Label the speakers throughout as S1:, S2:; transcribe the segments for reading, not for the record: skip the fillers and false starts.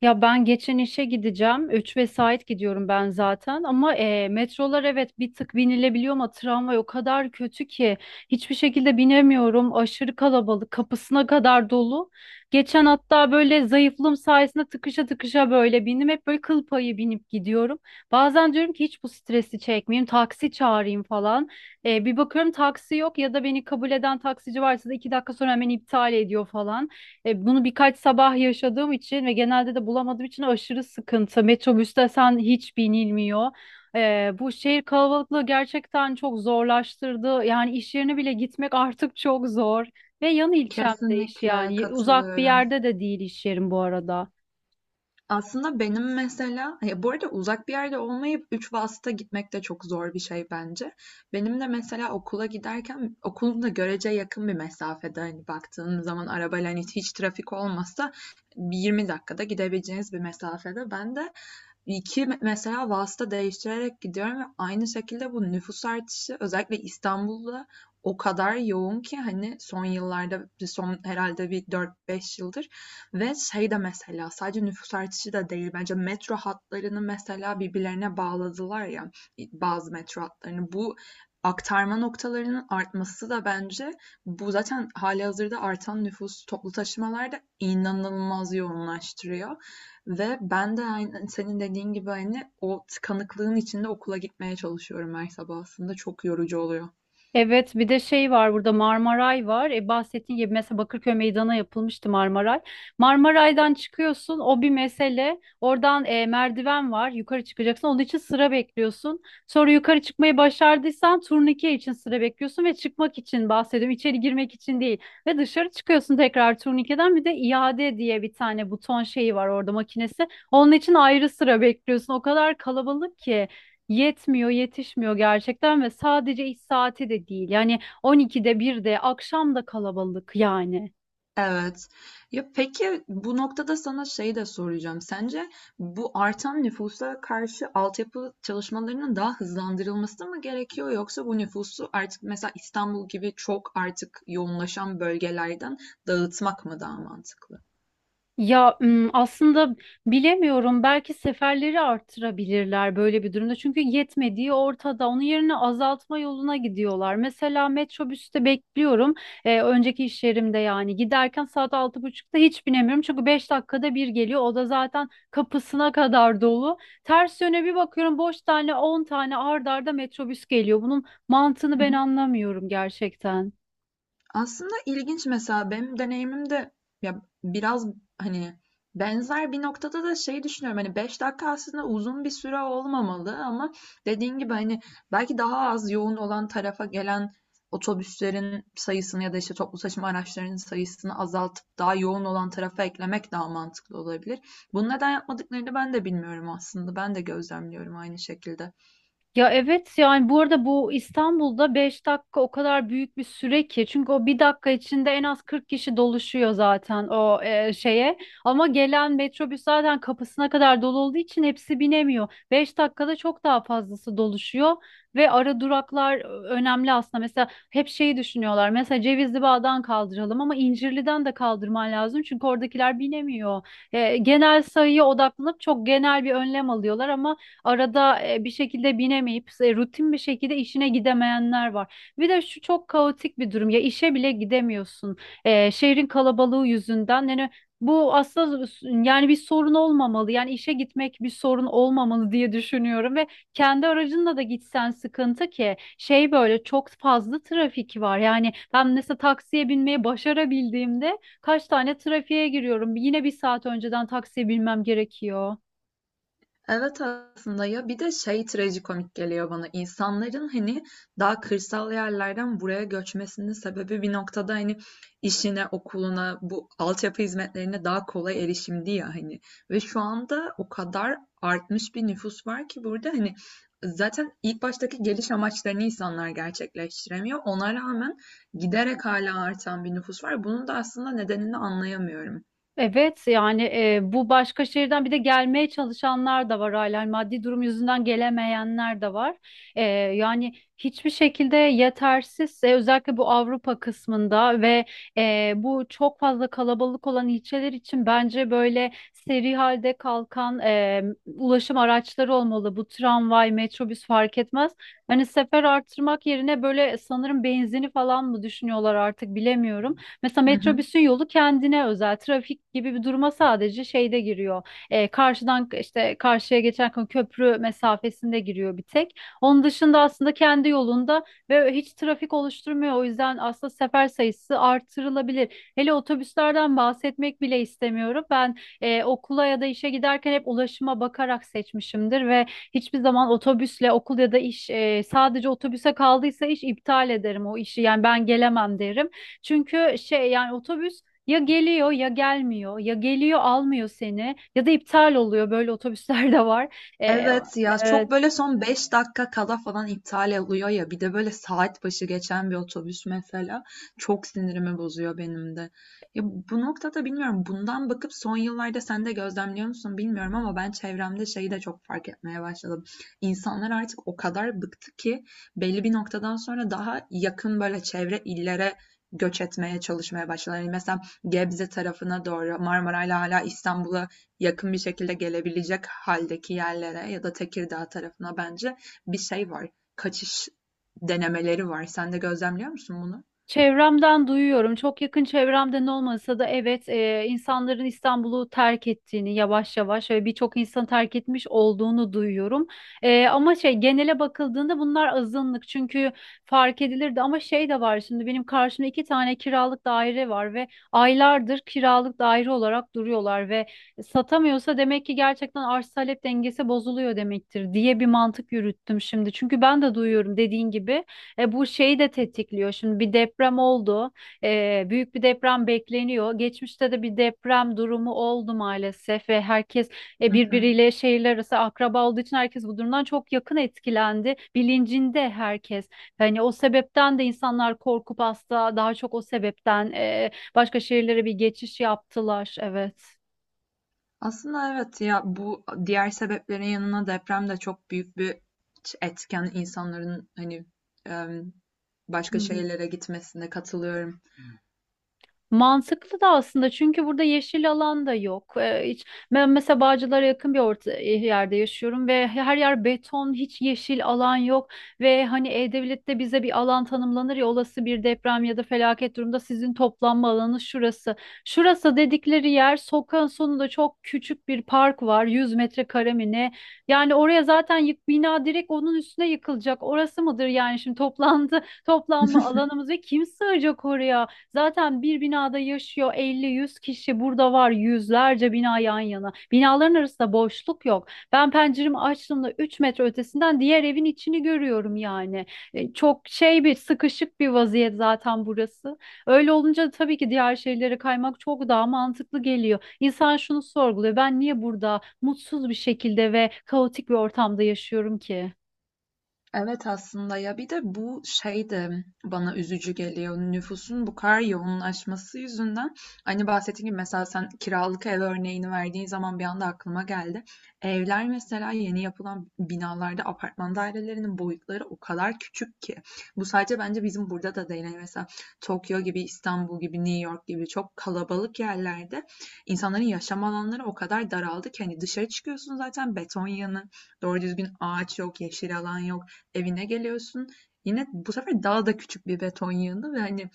S1: Ya ben geçen işe gideceğim. 3 vesait gidiyorum ben zaten. Ama metrolar, evet, bir tık binilebiliyor ama tramvay o kadar kötü ki hiçbir şekilde binemiyorum. Aşırı kalabalık, kapısına kadar dolu. Geçen hatta böyle zayıflığım sayesinde tıkışa tıkışa böyle bindim. Hep böyle kıl payı binip gidiyorum. Bazen diyorum ki hiç bu stresi çekmeyeyim, taksi çağırayım falan. Bir bakıyorum taksi yok ya da beni kabul eden taksici varsa da 2 dakika sonra hemen iptal ediyor falan. Bunu birkaç sabah yaşadığım için ve genelde de bulamadığım için aşırı sıkıntı. Metrobüste sen hiç binilmiyor. Bu şehir kalabalıklığı gerçekten çok zorlaştırdı. Yani iş yerine bile gitmek artık çok zor. Ve yan ilçemde iş
S2: Kesinlikle
S1: yani. Uzak bir
S2: katılıyorum.
S1: yerde de değil iş yerim bu arada.
S2: Aslında benim mesela, ya, bu arada uzak bir yerde olmayıp üç vasıta gitmek de çok zor bir şey bence. Benim de mesela okula giderken, okulum da görece yakın bir mesafede, hani baktığın zaman arabayla, hani hiç trafik olmasa bir 20 dakikada gidebileceğiniz bir mesafede. Ben de iki mesela vasıta değiştirerek gidiyorum ve aynı şekilde bu nüfus artışı özellikle İstanbul'da o kadar yoğun ki, hani son yıllarda, son herhalde bir dört beş yıldır. Ve şey de, mesela, sadece nüfus artışı da değil bence; metro hatlarını mesela birbirlerine bağladılar ya, bazı metro hatlarını. Bu aktarma noktalarının artması da bence bu zaten halihazırda artan nüfus toplu taşımalarda inanılmaz yoğunlaştırıyor. Ve ben de aynı, senin dediğin gibi, hani o tıkanıklığın içinde okula gitmeye çalışıyorum her sabah, aslında çok yorucu oluyor.
S1: Evet, bir de şey var, burada Marmaray var. Bahsettiğin gibi, mesela Bakırköy Meydanı'na yapılmıştı Marmaray. Marmaray'dan çıkıyorsun, o bir mesele. Oradan merdiven var, yukarı çıkacaksın. Onun için sıra bekliyorsun. Sonra yukarı çıkmayı başardıysan turnike için sıra bekliyorsun ve çıkmak için bahsediyorum. İçeri girmek için değil. Ve dışarı çıkıyorsun, tekrar turnikeden bir de iade diye bir tane buton şeyi var orada, makinesi. Onun için ayrı sıra bekliyorsun. O kadar kalabalık ki yetmiyor, yetişmiyor gerçekten ve sadece iş saati de değil. Yani 12'de, 1'de, akşam da kalabalık yani.
S2: Evet. Ya peki, bu noktada sana şey de soracağım. Sence bu artan nüfusa karşı altyapı çalışmalarının daha hızlandırılması mı gerekiyor, yoksa bu nüfusu artık, mesela İstanbul gibi çok artık yoğunlaşan bölgelerden dağıtmak mı daha mantıklı?
S1: Ya, aslında bilemiyorum, belki seferleri arttırabilirler böyle bir durumda. Çünkü yetmediği ortada. Onun yerine azaltma yoluna gidiyorlar. Mesela metrobüste bekliyorum. Önceki iş yerimde yani giderken saat 6.30'da hiç binemiyorum. Çünkü 5 dakikada bir geliyor. O da zaten kapısına kadar dolu. Ters yöne bir bakıyorum, boş tane 10 tane ard arda metrobüs geliyor. Bunun mantığını ben anlamıyorum gerçekten.
S2: Aslında ilginç, mesela benim deneyimimde, ya biraz, hani, benzer bir noktada da şey düşünüyorum, hani 5 dakika aslında uzun bir süre olmamalı ama, dediğin gibi, hani, belki daha az yoğun olan tarafa gelen otobüslerin sayısını ya da işte toplu taşıma araçlarının sayısını azaltıp daha yoğun olan tarafa eklemek daha mantıklı olabilir. Bunu neden yapmadıklarını ben de bilmiyorum aslında. Ben de gözlemliyorum aynı şekilde.
S1: Ya evet, yani bu arada bu İstanbul'da 5 dakika o kadar büyük bir süre ki çünkü o bir dakika içinde en az 40 kişi doluşuyor zaten o şeye, ama gelen metrobüs zaten kapısına kadar dolu olduğu için hepsi binemiyor. 5 dakikada çok daha fazlası doluşuyor ve ara duraklar önemli aslında. Mesela hep şeyi düşünüyorlar, mesela Cevizli Bağ'dan kaldıralım ama İncirli'den de kaldırman lazım çünkü oradakiler binemiyor. Genel sayıya odaklanıp çok genel bir önlem alıyorlar, ama arada bir şekilde binemeyip rutin bir şekilde işine gidemeyenler var. Bir de şu çok kaotik bir durum, ya işe bile gidemiyorsun şehrin kalabalığı yüzünden. Yani bu aslında yani bir sorun olmamalı. Yani işe gitmek bir sorun olmamalı diye düşünüyorum ve kendi aracınla da gitsen sıkıntı, ki şey böyle çok fazla trafik var. Yani ben mesela taksiye binmeyi başarabildiğimde kaç tane trafiğe giriyorum. Yine bir saat önceden taksiye binmem gerekiyor.
S2: Evet, aslında ya, bir de şey trajikomik geliyor bana. İnsanların hani daha kırsal yerlerden buraya göçmesinin sebebi bir noktada hani işine, okuluna, bu altyapı hizmetlerine daha kolay erişimdi ya, hani. Ve şu anda o kadar artmış bir nüfus var ki burada, hani zaten ilk baştaki geliş amaçlarını insanlar gerçekleştiremiyor. Ona rağmen giderek hala artan bir nüfus var. Bunun da aslında nedenini anlayamıyorum.
S1: Evet yani bu başka şehirden bir de gelmeye çalışanlar da var hala. Yani maddi durum yüzünden gelemeyenler de var. E, yani hiçbir şekilde yetersiz özellikle bu Avrupa kısmında ve bu çok fazla kalabalık olan ilçeler için bence böyle seri halde kalkan ulaşım araçları olmalı. Bu tramvay, metrobüs fark etmez. Hani sefer artırmak yerine böyle sanırım benzini falan mı düşünüyorlar artık, bilemiyorum. Mesela
S2: Hı hı.
S1: metrobüsün yolu kendine özel. Trafik gibi bir duruma sadece şeyde giriyor. Karşıdan işte karşıya geçerken köprü mesafesinde giriyor bir tek. Onun dışında aslında kendi yolunda ve hiç trafik oluşturmuyor. O yüzden aslında sefer sayısı artırılabilir. Hele otobüslerden bahsetmek bile istemiyorum. Ben okula ya da işe giderken hep ulaşıma bakarak seçmişimdir ve hiçbir zaman otobüsle okul ya da iş sadece otobüse kaldıysa iş, iptal ederim o işi. Yani ben gelemem derim. Çünkü şey, yani otobüs ya geliyor ya gelmiyor, ya geliyor almıyor seni, ya da iptal oluyor böyle otobüsler de var. E,
S2: Evet, ya
S1: e,
S2: çok böyle son 5 dakika kala falan iptal oluyor ya, bir de böyle saat başı geçen bir otobüs mesela çok sinirimi bozuyor benim de. Ya bu noktada bilmiyorum, bundan bakıp son yıllarda sen de gözlemliyor musun bilmiyorum ama, ben çevremde şeyi de çok fark etmeye başladım. İnsanlar artık o kadar bıktı ki belli bir noktadan sonra daha yakın böyle çevre illere göç etmeye çalışmaya başladılar. Yani mesela Gebze tarafına doğru Marmaray'la hala İstanbul'a yakın bir şekilde gelebilecek haldeki yerlere ya da Tekirdağ tarafına, bence bir şey var. Kaçış denemeleri var. Sen de gözlemliyor musun bunu?
S1: Çevremden duyuyorum. Çok yakın çevremden olmasa da, evet, insanların İstanbul'u terk ettiğini yavaş yavaş ve birçok insan terk etmiş olduğunu duyuyorum. Ama şey, genele bakıldığında bunlar azınlık çünkü fark edilirdi, ama şey de var, şimdi benim karşımda 2 tane kiralık daire var ve aylardır kiralık daire olarak duruyorlar ve satamıyorsa demek ki gerçekten arz talep dengesi bozuluyor demektir, diye bir mantık yürüttüm şimdi. Çünkü ben de duyuyorum, dediğin gibi. Bu şeyi de tetikliyor. Şimdi bir deprem oldu. Büyük bir deprem bekleniyor. Geçmişte de bir deprem durumu oldu maalesef ve herkes
S2: Hı hı.
S1: birbiriyle şehirler arası akraba olduğu için herkes bu durumdan çok yakın etkilendi. Bilincinde herkes. Hani o sebepten de insanlar korkup hasta, daha çok o sebepten başka şehirlere bir geçiş yaptılar. Evet.
S2: Aslında evet ya, bu diğer sebeplerin yanına deprem de çok büyük bir etken insanların hani, em, başka
S1: Hı hı.
S2: şehirlere gitmesine katılıyorum.
S1: Mantıklı da aslında çünkü burada yeşil alan da yok. Hiç, ben mesela Bağcılar'a yakın bir orta, yerde yaşıyorum ve her yer beton, hiç yeşil alan yok. Ve hani E-Devlet'te bize bir alan tanımlanır ya, olası bir deprem ya da felaket durumda sizin toplanma alanı şurası. Şurası dedikleri yer sokağın sonunda çok küçük bir park, var 100 metrekare mi ne? Yani oraya zaten bina direkt onun üstüne yıkılacak. Orası mıdır yani şimdi toplanma alanımız ve kim sığacak oraya? Zaten bir binada yaşıyor 50, 100 kişi. Burada var yüzlerce bina yan yana. Binaların arasında boşluk yok. Ben penceremi açtığımda 3 metre ötesinden diğer evin içini görüyorum yani. Çok şey, bir sıkışık bir vaziyet zaten burası. Öyle olunca tabii ki diğer şehirlere kaymak çok daha mantıklı geliyor. İnsan şunu sorguluyor, ben niye burada mutsuz bir şekilde ve kaotik bir ortamda yaşıyorum ki?
S2: Evet aslında ya, bir de bu şey de bana üzücü geliyor. Nüfusun bu kadar yoğunlaşması yüzünden, hani bahsettiğim gibi, mesela sen kiralık ev örneğini verdiğin zaman bir anda aklıma geldi. Evler mesela yeni yapılan binalarda apartman dairelerinin boyutları o kadar küçük ki. Bu sadece bence bizim burada da değil. Yani mesela Tokyo gibi, İstanbul gibi, New York gibi çok kalabalık yerlerde insanların yaşam alanları o kadar daraldı ki, hani dışarı çıkıyorsun, zaten beton yığını, doğru düzgün ağaç yok, yeşil alan yok, evine geliyorsun. Yine bu sefer daha da küçük bir beton yığını ve hani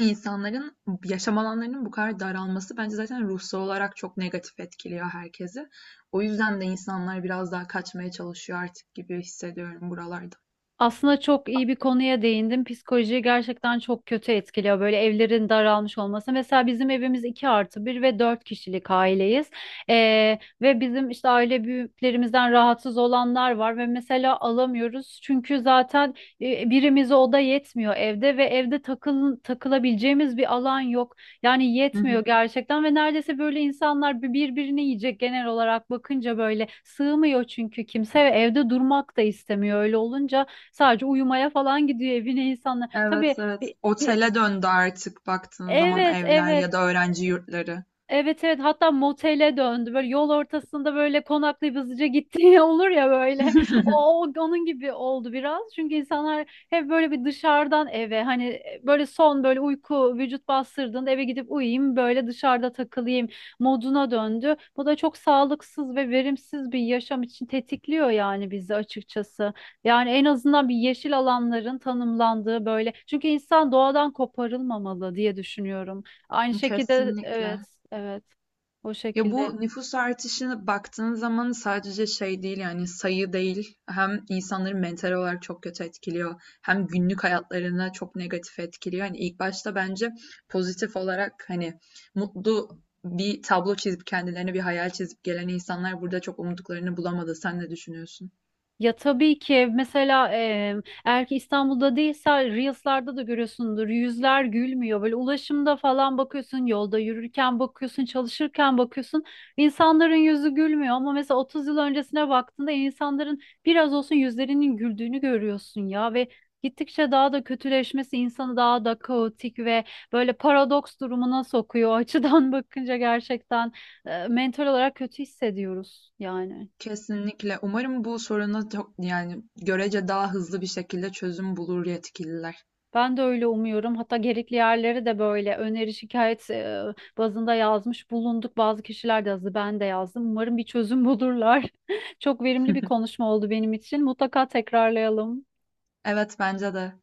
S2: insanların yaşam alanlarının bu kadar daralması bence zaten ruhsal olarak çok negatif etkiliyor herkesi. O yüzden de insanlar biraz daha kaçmaya çalışıyor artık gibi hissediyorum buralarda.
S1: Aslında çok iyi bir konuya değindim. Psikolojiyi gerçekten çok kötü etkiliyor böyle evlerin daralmış olması. Mesela bizim evimiz 2+1 ve 4 kişilik aileyiz. Ve bizim işte aile büyüklerimizden rahatsız olanlar var ve mesela alamıyoruz. Çünkü zaten birimize oda yetmiyor evde ve evde takılabileceğimiz bir alan yok. Yani yetmiyor gerçekten ve neredeyse böyle insanlar birbirini yiyecek. Genel olarak bakınca böyle sığmıyor çünkü kimse ve evde durmak da istemiyor. Öyle olunca sadece uyumaya falan gidiyor evine insanlar. Tabii
S2: Evet, evet.
S1: bir,
S2: Otele döndü artık baktığın zaman
S1: evet,
S2: evler
S1: evet,
S2: ya da öğrenci yurtları.
S1: evet, evet, hatta motele döndü, böyle yol ortasında böyle konaklayıp hızlıca gittiği olur ya, böyle o onun gibi oldu biraz çünkü insanlar hep böyle bir dışarıdan eve, hani, böyle son, böyle uyku vücut bastırdığında eve gidip uyuyayım, böyle dışarıda takılayım moduna döndü, bu da çok sağlıksız ve verimsiz bir yaşam için tetikliyor yani bizi, açıkçası. Yani en azından bir yeşil alanların tanımlandığı böyle, çünkü insan doğadan koparılmamalı diye düşünüyorum. Aynı şekilde evet,
S2: Kesinlikle.
S1: evet. O
S2: Ya
S1: şekilde
S2: bu nüfus artışına baktığın zaman sadece şey değil, yani sayı değil; hem insanları mental olarak çok kötü etkiliyor, hem günlük hayatlarına çok negatif etkiliyor. Hani ilk başta bence pozitif olarak, hani mutlu bir tablo çizip kendilerine bir hayal çizip gelen insanlar burada çok umduklarını bulamadı. Sen ne düşünüyorsun?
S1: ya, tabii ki, mesela eğer ki İstanbul'da değilse Reels'larda da görüyorsundur, yüzler gülmüyor. Böyle ulaşımda falan bakıyorsun, yolda yürürken bakıyorsun, çalışırken bakıyorsun, insanların yüzü gülmüyor. Ama mesela 30 yıl öncesine baktığında insanların biraz olsun yüzlerinin güldüğünü görüyorsun ya, ve gittikçe daha da kötüleşmesi insanı daha da kaotik ve böyle paradoks durumuna sokuyor. O açıdan bakınca gerçekten mental olarak kötü hissediyoruz yani.
S2: Kesinlikle. Umarım bu soruna çok, yani görece daha hızlı bir şekilde çözüm bulur yetkililer.
S1: Ben de öyle umuyorum. Hatta gerekli yerlere de böyle öneri şikayet bazında yazmış bulunduk. Bazı kişiler de yazdı, ben de yazdım. Umarım bir çözüm bulurlar. Çok verimli bir konuşma oldu benim için. Mutlaka tekrarlayalım.
S2: Evet, bence de.